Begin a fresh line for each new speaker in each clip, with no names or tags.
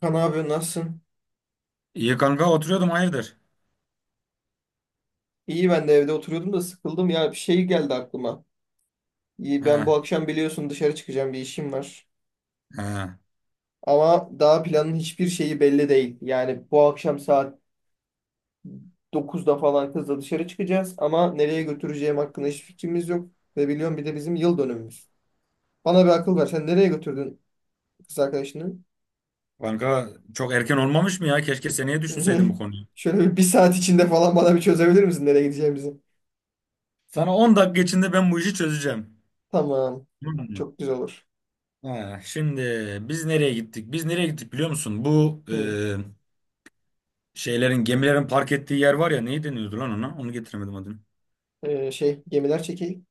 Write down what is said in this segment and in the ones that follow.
Kan abi nasılsın?
İyi kanka oturuyordum hayırdır?
İyi ben de evde oturuyordum da sıkıldım ya bir şey geldi aklıma. İyi ben
He,
bu akşam biliyorsun dışarı çıkacağım bir işim var.
he.
Ama daha planın hiçbir şeyi belli değil. Yani bu akşam saat 9'da falan kızla dışarı çıkacağız ama nereye götüreceğim hakkında hiç fikrimiz yok. Ve biliyorum bir de bizim yıl dönümümüz. Bana bir akıl ver sen nereye götürdün kız arkadaşını?
Kanka çok erken olmamış mı ya? Keşke seneye düşünseydim bu konuyu.
Şöyle bir saat içinde falan bana bir çözebilir misin nereye gideceğimizi?
Sana 10 dakika içinde ben bu işi çözeceğim.
Tamam.
Tamam mı?
Çok güzel olur.
He, Şimdi biz nereye gittik? Biz nereye gittik biliyor musun? Bu
Hı.
şeylerin gemilerin park ettiği yer var ya neyi deniyordu lan ona? Onu getiremedim adını.
Şey gemiler çekeyim.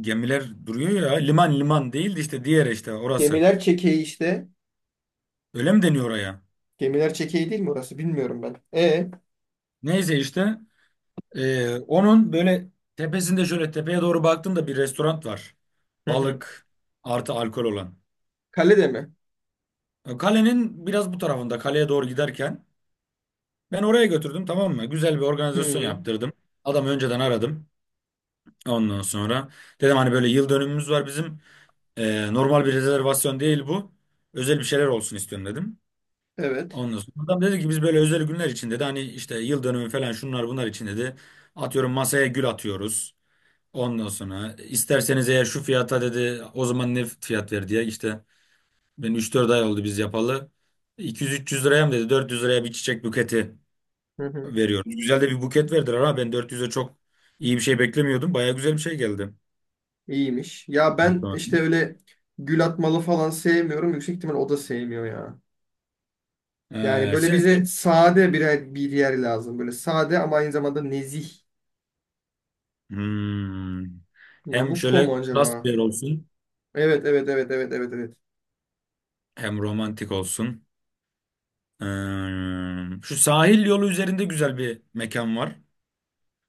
Gemiler duruyor ya liman liman değil de işte diğer işte orası.
Gemiler çekeği işte.
Öyle mi deniyor oraya?
Gemiler çekeği değil mi orası? Bilmiyorum ben. E,
Neyse işte. Onun böyle tepesinde şöyle tepeye doğru baktığımda bir restoran var.
hı hı.
Balık artı alkol olan.
Kalede mi?
Kalenin biraz bu tarafında kaleye doğru giderken ben oraya götürdüm, tamam mı? Güzel bir organizasyon
Hı,
yaptırdım. Adamı önceden aradım. Ondan sonra dedim, hani böyle yıl dönümümüz var bizim. Normal bir rezervasyon değil bu. Özel bir şeyler olsun istiyorum dedim.
evet.
Ondan sonra adam dedi ki biz böyle özel günler için dedi. Hani işte yıl dönümü falan şunlar bunlar için dedi. Atıyorum masaya gül atıyoruz. Ondan sonra isterseniz eğer şu fiyata dedi, o zaman ne fiyat ver diye işte, ben 3-4 ay oldu biz yapalı. 200-300 liraya mı dedi, 400 liraya bir çiçek buketi
Hı hı.
veriyoruz. Güzel de bir buket verdiler, ama ben 400'e çok iyi bir şey beklemiyordum. Baya güzel bir şey geldi.
İyiymiş. Ya ben işte
Hatta.
öyle gül atmalı falan sevmiyorum. Yüksek ihtimal o da sevmiyor ya. Yani
Ee,
böyle
sen,
bize
sen-
sade bir yer lazım. Böyle sade ama aynı zamanda nezih.
Hmm. Hem
Nabucco
şöyle
mu acaba?
klas bir yer olsun
Evet, evet, evet, evet, evet, evet.
hem romantik olsun. Hmm. Şu sahil yolu üzerinde güzel bir mekan var.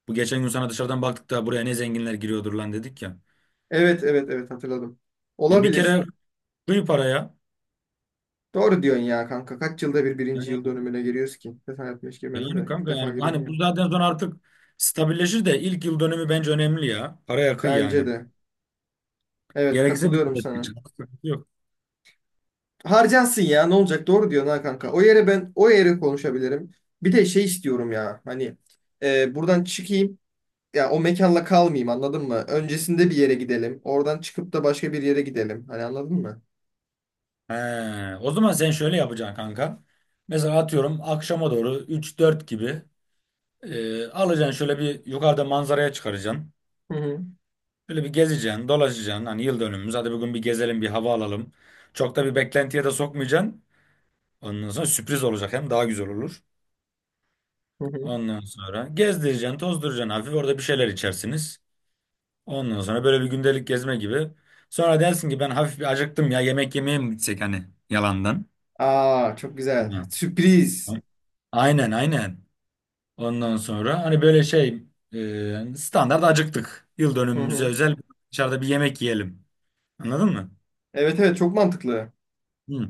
Bu geçen gün sana dışarıdan baktık da buraya ne zenginler giriyordur lan dedik ya.
Evet, evet, evet hatırladım.
Bir
Olabilir.
kere kıy paraya.
Doğru diyorsun ya kanka. Kaç yılda bir birinci
Yani,
yıl dönümüne giriyoruz ki? Bir defa yapmış girmedim
yani
de ilk
kanka
defa
yani
giriyorum
hani
ya.
bu zaten sonra artık stabilleşir de ilk yıl dönemi bence önemli ya. Paraya kıy
Bence
yani.
de. Evet
Gerekirse bir
katılıyorum
de
sana.
seçin. Sıkıntı yok.
Harcansın ya ne olacak doğru diyorsun ha kanka. O yere ben o yere konuşabilirim. Bir de şey istiyorum ya hani buradan çıkayım ya o mekanla kalmayayım anladın mı? Öncesinde bir yere gidelim. Oradan çıkıp da başka bir yere gidelim. Hani anladın mı?
He, O zaman sen şöyle yapacaksın kanka. Mesela atıyorum akşama doğru 3-4 gibi alacaksın şöyle bir yukarıda manzaraya çıkaracaksın.
Hı hı.
Böyle bir gezeceksin, dolaşacaksın. Hani yıl dönümümüz, hadi bugün bir gezelim, bir hava alalım. Çok da bir beklentiye de sokmayacaksın. Ondan sonra sürpriz olacak, hem daha güzel olur.
Hı hı.
Ondan sonra gezdireceksin, tozduracaksın hafif. Orada bir şeyler içersiniz. Ondan sonra böyle bir gündelik gezme gibi. Sonra dersin ki, ben hafif bir acıktım ya, yemek yemeye mi gitsek, hani yalandan.
Aa çok güzel.
Hı.
Sürpriz.
Aynen aynen. Ondan sonra hani böyle şey standart acıktık. Yıl
Hı
dönümümüze
hı.
özel dışarıda bir yemek yiyelim. Anladın mı?
Evet evet çok mantıklı.
Hı.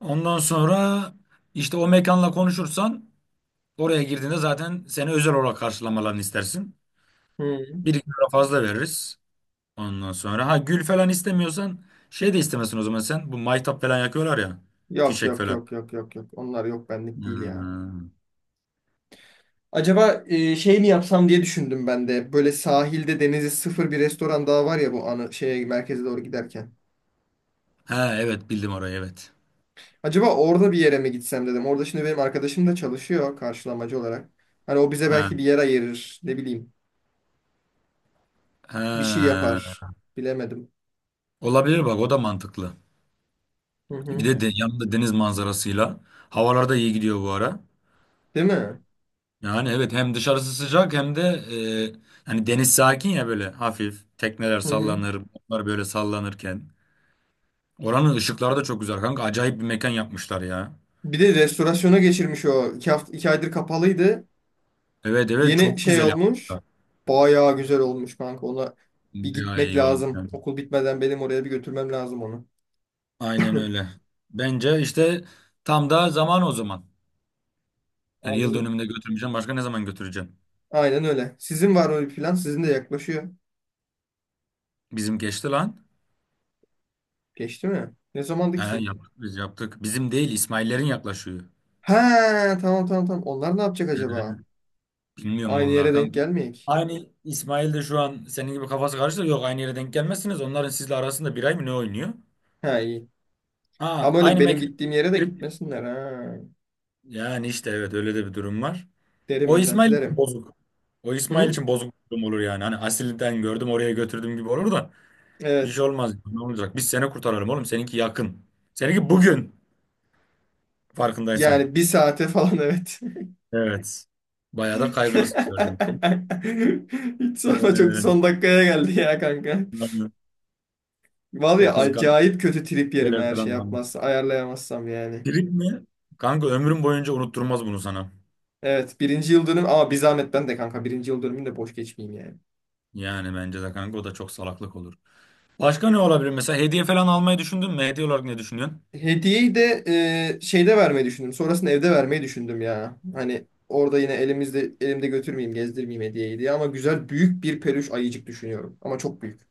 Ondan sonra işte o mekanla konuşursan, oraya girdiğinde zaten seni özel olarak karşılamalarını istersin.
Hı.
Bir iki lira fazla veririz. Ondan sonra ha, gül falan istemiyorsan şey de istemesin o zaman sen. Bu maytap falan yakıyorlar ya.
Yok
Fişek
yok
falan.
yok yok yok yok. Onlar yok benlik değil ya.
Hmm.
Acaba şey mi yapsam diye düşündüm ben de. Böyle sahilde denizi sıfır bir restoran daha var ya bu anı şeye merkeze doğru giderken.
Ha evet, bildim orayı, evet.
Acaba orada bir yere mi gitsem dedim. Orada şimdi benim arkadaşım da çalışıyor karşılamacı olarak. Hani o bize
Ha,
belki bir yer ayırır, ne bileyim, bir şey yapar.
ha.
Bilemedim.
Olabilir bak, o da mantıklı.
Hı
Bir
hı.
de, yanında deniz manzarasıyla. Havalar da iyi gidiyor bu ara.
Değil mi?
Yani evet, hem dışarısı sıcak hem de hani deniz sakin ya böyle hafif. Tekneler
Hı hı.
sallanır, onlar böyle sallanırken. Oranın ışıkları da çok güzel kanka. Acayip bir mekan yapmışlar ya.
Bir de restorasyona geçirmiş o. 2 hafta, 2 aydır kapalıydı.
Evet evet,
Yeni
çok
şey
güzel
olmuş.
yapmışlar.
Bayağı güzel olmuş kanka. Ona bir
Bayağı
gitmek
iyi olmuş
lazım.
yani.
Okul bitmeden benim oraya bir götürmem lazım onu.
Aynen öyle. Bence işte tam da zaman o zaman. Yani yıl
Anladım.
dönümünde götürmeyeceğim. Başka ne zaman götüreceğim?
Aynen öyle. Sizin var mı bir plan? Sizin de yaklaşıyor.
Bizim geçti lan.
Geçti mi? Ne zamandı
He,
ki sizinki?
yaptık biz yaptık. Bizim değil, İsmail'lerin yaklaşıyor.
He tamam tamam tamam. Onlar ne yapacak acaba?
He, bilmiyorum
Aynı
vallahi
yere denk
kanka.
gelmeyek.
Aynı İsmail de şu an senin gibi kafası karıştı. Yok, aynı yere denk gelmezsiniz. Onların sizle arasında bir ay mı ne oynuyor?
He iyi.
Ha,
Ama öyle
aynı
benim
mekan.
gittiğim yere de
girip-
gitmesinler ha.
Yani işte evet, öyle de bir durum var.
Derim
O
özenti
İsmail için
derim.
bozuk. O İsmail
Hı?
için bozuk bir durum olur yani. Hani Asil'den gördüm oraya götürdüm gibi olur da. Bir şey
Evet.
olmaz. Ne olacak? Biz seni kurtaralım oğlum. Seninki yakın. Seninki bugün farkındaysan.
Yani bir saate falan evet.
Evet. Bayağı da kaygılısın gördüğüm için.
Hiç sonra çok
Ee,
son dakikaya geldi ya kanka.
Yani
Vallahi
o kızı
acayip kötü trip yerim
gelir
eğer şey
falan da.
yapmazsa ayarlayamazsam yani.
Trip mi? Kanka ömrüm boyunca unutturmaz bunu sana.
Evet birinci yıl dönüm ama bir zahmet ben de kanka birinci yıl dönümünü de boş geçmeyeyim yani.
Yani bence de kanka o da çok salaklık olur. Başka ne olabilir? Mesela hediye falan almayı düşündün mü? Hediye olarak ne düşünüyorsun?
Hediyeyi de şeyde vermeyi düşündüm. Sonrasında evde vermeyi düşündüm ya. Hani orada yine elimde götürmeyeyim, gezdirmeyeyim hediyeyi diye ama güzel büyük bir peluş ayıcık düşünüyorum. Ama çok büyük.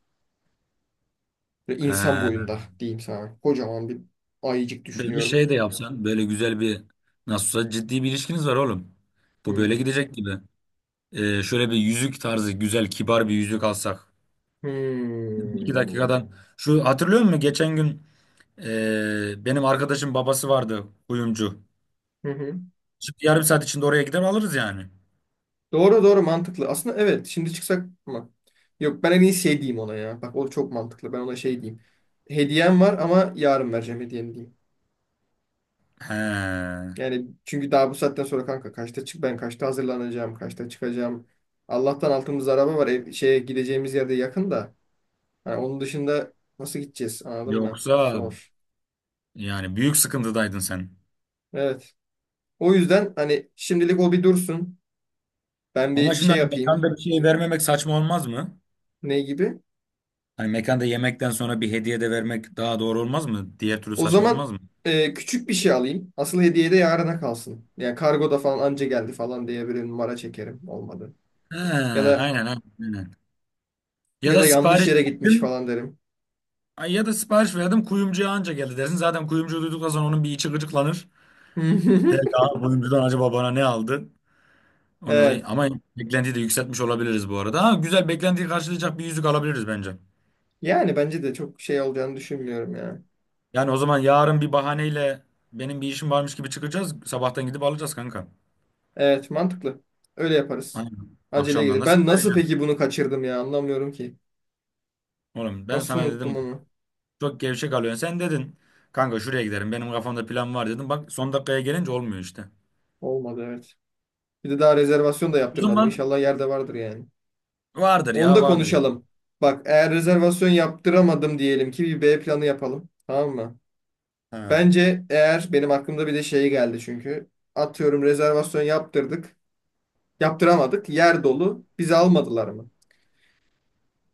Böyle insan
Ee,
boyunda diyeyim sana. Kocaman bir ayıcık
Böyle bir
düşünüyorum.
şey de yapsan. Böyle güzel bir, nasıl olsa ciddi bir ilişkiniz var oğlum. Bu
Hmm.
böyle gidecek gibi. Şöyle bir yüzük tarzı güzel kibar bir yüzük alsak. İki
Hmm.
dakikadan. Şu hatırlıyor musun? Geçen gün benim arkadaşım babası vardı kuyumcu.
Hı hı.
Şimdi yarım saat içinde oraya gider alırız yani.
Doğru doğru mantıklı. Aslında evet şimdi çıksak mı? Yok ben en iyi şey diyeyim ona ya. Bak o çok mantıklı. Ben ona şey diyeyim. Hediyem var ama yarın vereceğim hediyemi diyeyim.
He.
Yani çünkü daha bu saatten sonra kanka kaçta çık ben kaçta hazırlanacağım kaçta çıkacağım. Allah'tan altımızda araba var. Ev, şeye gideceğimiz yerde yakın da. Hani onun dışında nasıl gideceğiz anladın mı?
Yoksa
Zor.
yani büyük sıkıntıdaydın sen.
Evet. O yüzden hani şimdilik o bir dursun. Ben
Ama
bir
şimdi
şey
hani
yapayım.
mekanda bir şey vermemek saçma olmaz mı?
Ne gibi?
Hani mekanda yemekten sonra bir hediye de vermek daha doğru olmaz mı? Diğer türlü
O
saçma
zaman
olmaz mı?
küçük bir şey alayım. Asıl hediye de yarına kalsın. Yani kargoda falan anca geldi falan diye bir numara çekerim. Olmadı.
He,
Ya da
aynen aynen, aynen. Ya
ya
da
da yanlış
sipariş
yere gitmiş
verdim.
falan derim.
Ay, ya da sipariş verdim, kuyumcuya anca geldi dersin. Zaten kuyumcu duyduktan sonra onun bir içi gıcıklanır. De, ya, oyuncudan acaba bana ne aldı. Onu da-
Evet.
ama beklentiyi de yükseltmiş olabiliriz bu arada. Ha, güzel beklentiyi karşılayacak bir yüzük alabiliriz bence.
Yani bence de çok şey olacağını düşünmüyorum ya.
Yani o zaman yarın bir bahaneyle, benim bir işim varmış gibi çıkacağız. Sabahtan gidip alacağız kanka.
Evet, mantıklı. Öyle yaparız.
Aynen.
Acele
Akşamdan
gelir.
da
Ben
sana
nasıl
vereceğim.
peki bunu kaçırdım ya? Anlamıyorum ki.
Oğlum ben
Nasıl
sana
unuttum
dedim,
onu?
çok gevşek alıyorsun. Sen dedin kanka, şuraya giderim benim kafamda plan var dedim. Bak, son dakikaya gelince olmuyor işte.
Olmadı evet. Bir de daha rezervasyon da
O
yaptırmadım.
zaman
İnşallah yerde vardır yani.
vardır
Onu
ya,
da
vardır ya.
konuşalım. Bak eğer rezervasyon yaptıramadım diyelim ki bir B planı yapalım. Tamam mı?
Ha.
Bence eğer benim aklımda bir de şey geldi çünkü. Atıyorum rezervasyon yaptırdık. Yaptıramadık. Yer dolu. Bizi almadılar mı?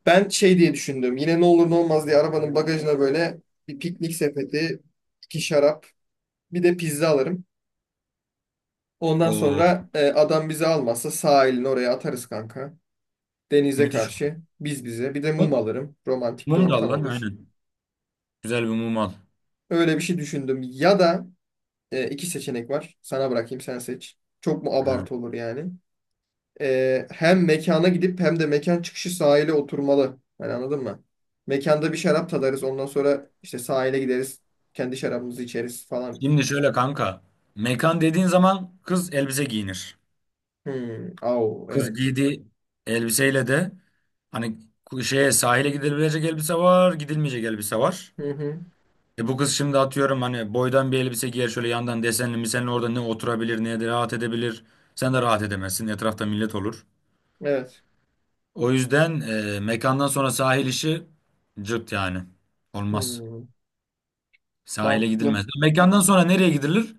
Ben şey diye düşündüm. Yine ne olur ne olmaz diye arabanın bagajına böyle bir piknik sepeti, iki şarap, bir de pizza alırım. Ondan
Oo,
sonra adam bizi almazsa sahilin oraya atarız kanka. Denize
müthiş.
karşı biz bize. Bir de
Mum,
mum alırım. Romantik bir
mum da al
ortam
lan
olur.
aynen. Güzel bir mum al.
Öyle bir şey düşündüm. Ya da iki seçenek var. Sana bırakayım sen seç. Çok mu
Ha.
abartı olur yani? Hem mekana gidip hem de mekan çıkışı sahile oturmalı. Hani anladın mı? Mekanda bir şarap tadarız. Ondan sonra işte sahile gideriz. Kendi şarabımızı içeriz falan.
Şimdi şöyle kanka. Mekan dediğin zaman kız elbise giyinir.
Hmm. Au,
Kız
evet.
giydiği elbiseyle de hani, şeye, sahile gidilebilecek elbise var, gidilmeyecek elbise var.
Hı hı.
Bu kız şimdi atıyorum hani boydan bir elbise giyer şöyle yandan desenli misenli, orada ne oturabilir ne de rahat edebilir. Sen de rahat edemezsin. Etrafta millet olur.
Evet.
O yüzden mekandan sonra sahil işi cırt yani. Olmaz.
Hmm.
Sahile
Mantıklı.
gidilmez. Mekandan sonra nereye gidilir?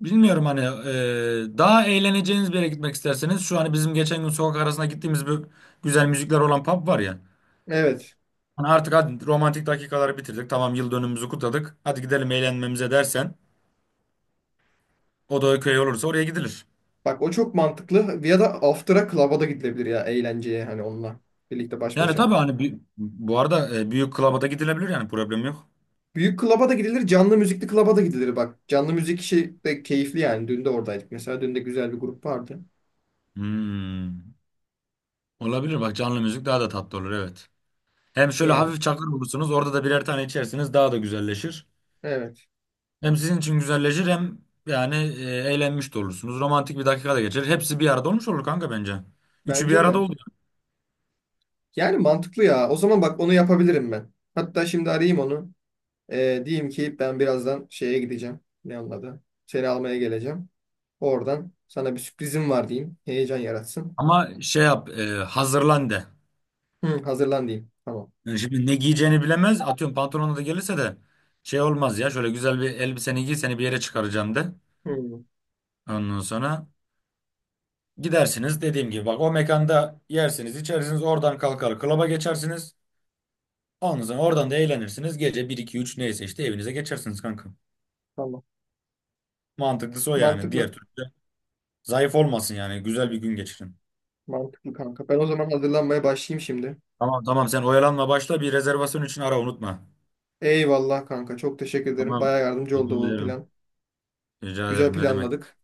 Bilmiyorum hani, daha eğleneceğiniz bir yere gitmek isterseniz, şu hani bizim geçen gün sokak arasına gittiğimiz bir güzel müzikler olan pub var ya.
Evet.
Hani artık hadi romantik dakikaları bitirdik. Tamam yıl dönümümüzü kutladık. Hadi gidelim eğlenmemize dersen, o da köy olursa oraya gidilir.
Bak o çok mantıklı. Ya da after'a club'a da gidilebilir ya eğlenceye hani onunla. Birlikte baş
Yani
başa.
tabii hani bu arada büyük klaba da gidilebilir yani, problem yok.
Büyük klaba da gidilir, canlı müzikli klaba da gidilir bak. Canlı müzik işi de keyifli yani. Dün de oradaydık. Mesela dün de güzel bir grup vardı.
Hmm. Olabilir bak, canlı müzik daha da tatlı olur, evet. Hem şöyle
Yani
hafif çakır bulursunuz, orada da birer tane içersiniz daha da güzelleşir.
evet.
Hem sizin için güzelleşir hem yani eğlenmiş de olursunuz. Romantik bir dakika da geçer. Hepsi bir arada olmuş olur kanka bence. Üçü bir
Bence
arada
de.
oluyor.
Yani mantıklı ya. O zaman bak onu yapabilirim ben. Hatta şimdi arayayım onu. Diyeyim ki ben birazdan şeye gideceğim. Ne onun adı? Seni almaya geleceğim. Oradan sana bir sürprizim var diyeyim. Heyecan yaratsın.
Ama şey yap, hazırlan de.
Hı, hazırlan diyeyim. Tamam.
Yani şimdi ne giyeceğini bilemez. Atıyorum pantolonla da gelirse de şey olmaz ya. Şöyle güzel bir elbiseni giy, seni bir yere çıkaracağım de.
Hı,
Ondan sonra gidersiniz dediğim gibi. Bak, o mekanda yersiniz içersiniz, oradan kalkar klaba geçersiniz. Ondan sonra oradan da eğlenirsiniz. Gece bir iki üç neyse işte evinize geçersiniz kanka.
tamam.
Mantıklısı o yani.
Mantıklı.
Diğer türlü. Zayıf olmasın yani. Güzel bir gün geçirin.
Mantıklı kanka. Ben o zaman hazırlanmaya başlayayım şimdi.
Tamam tamam, sen oyalanma, başla, bir rezervasyon için ara, unutma.
Eyvallah kanka. Çok teşekkür ederim.
Tamam.
Baya yardımcı oldu
Rica
bu
ederim.
plan.
Rica
Güzel
ederim ne demek.
planladık.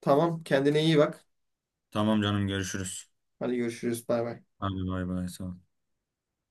Tamam. Kendine iyi bak.
Tamam canım, görüşürüz.
Hadi görüşürüz. Bay bay.
Hadi bay bay, sağ ol.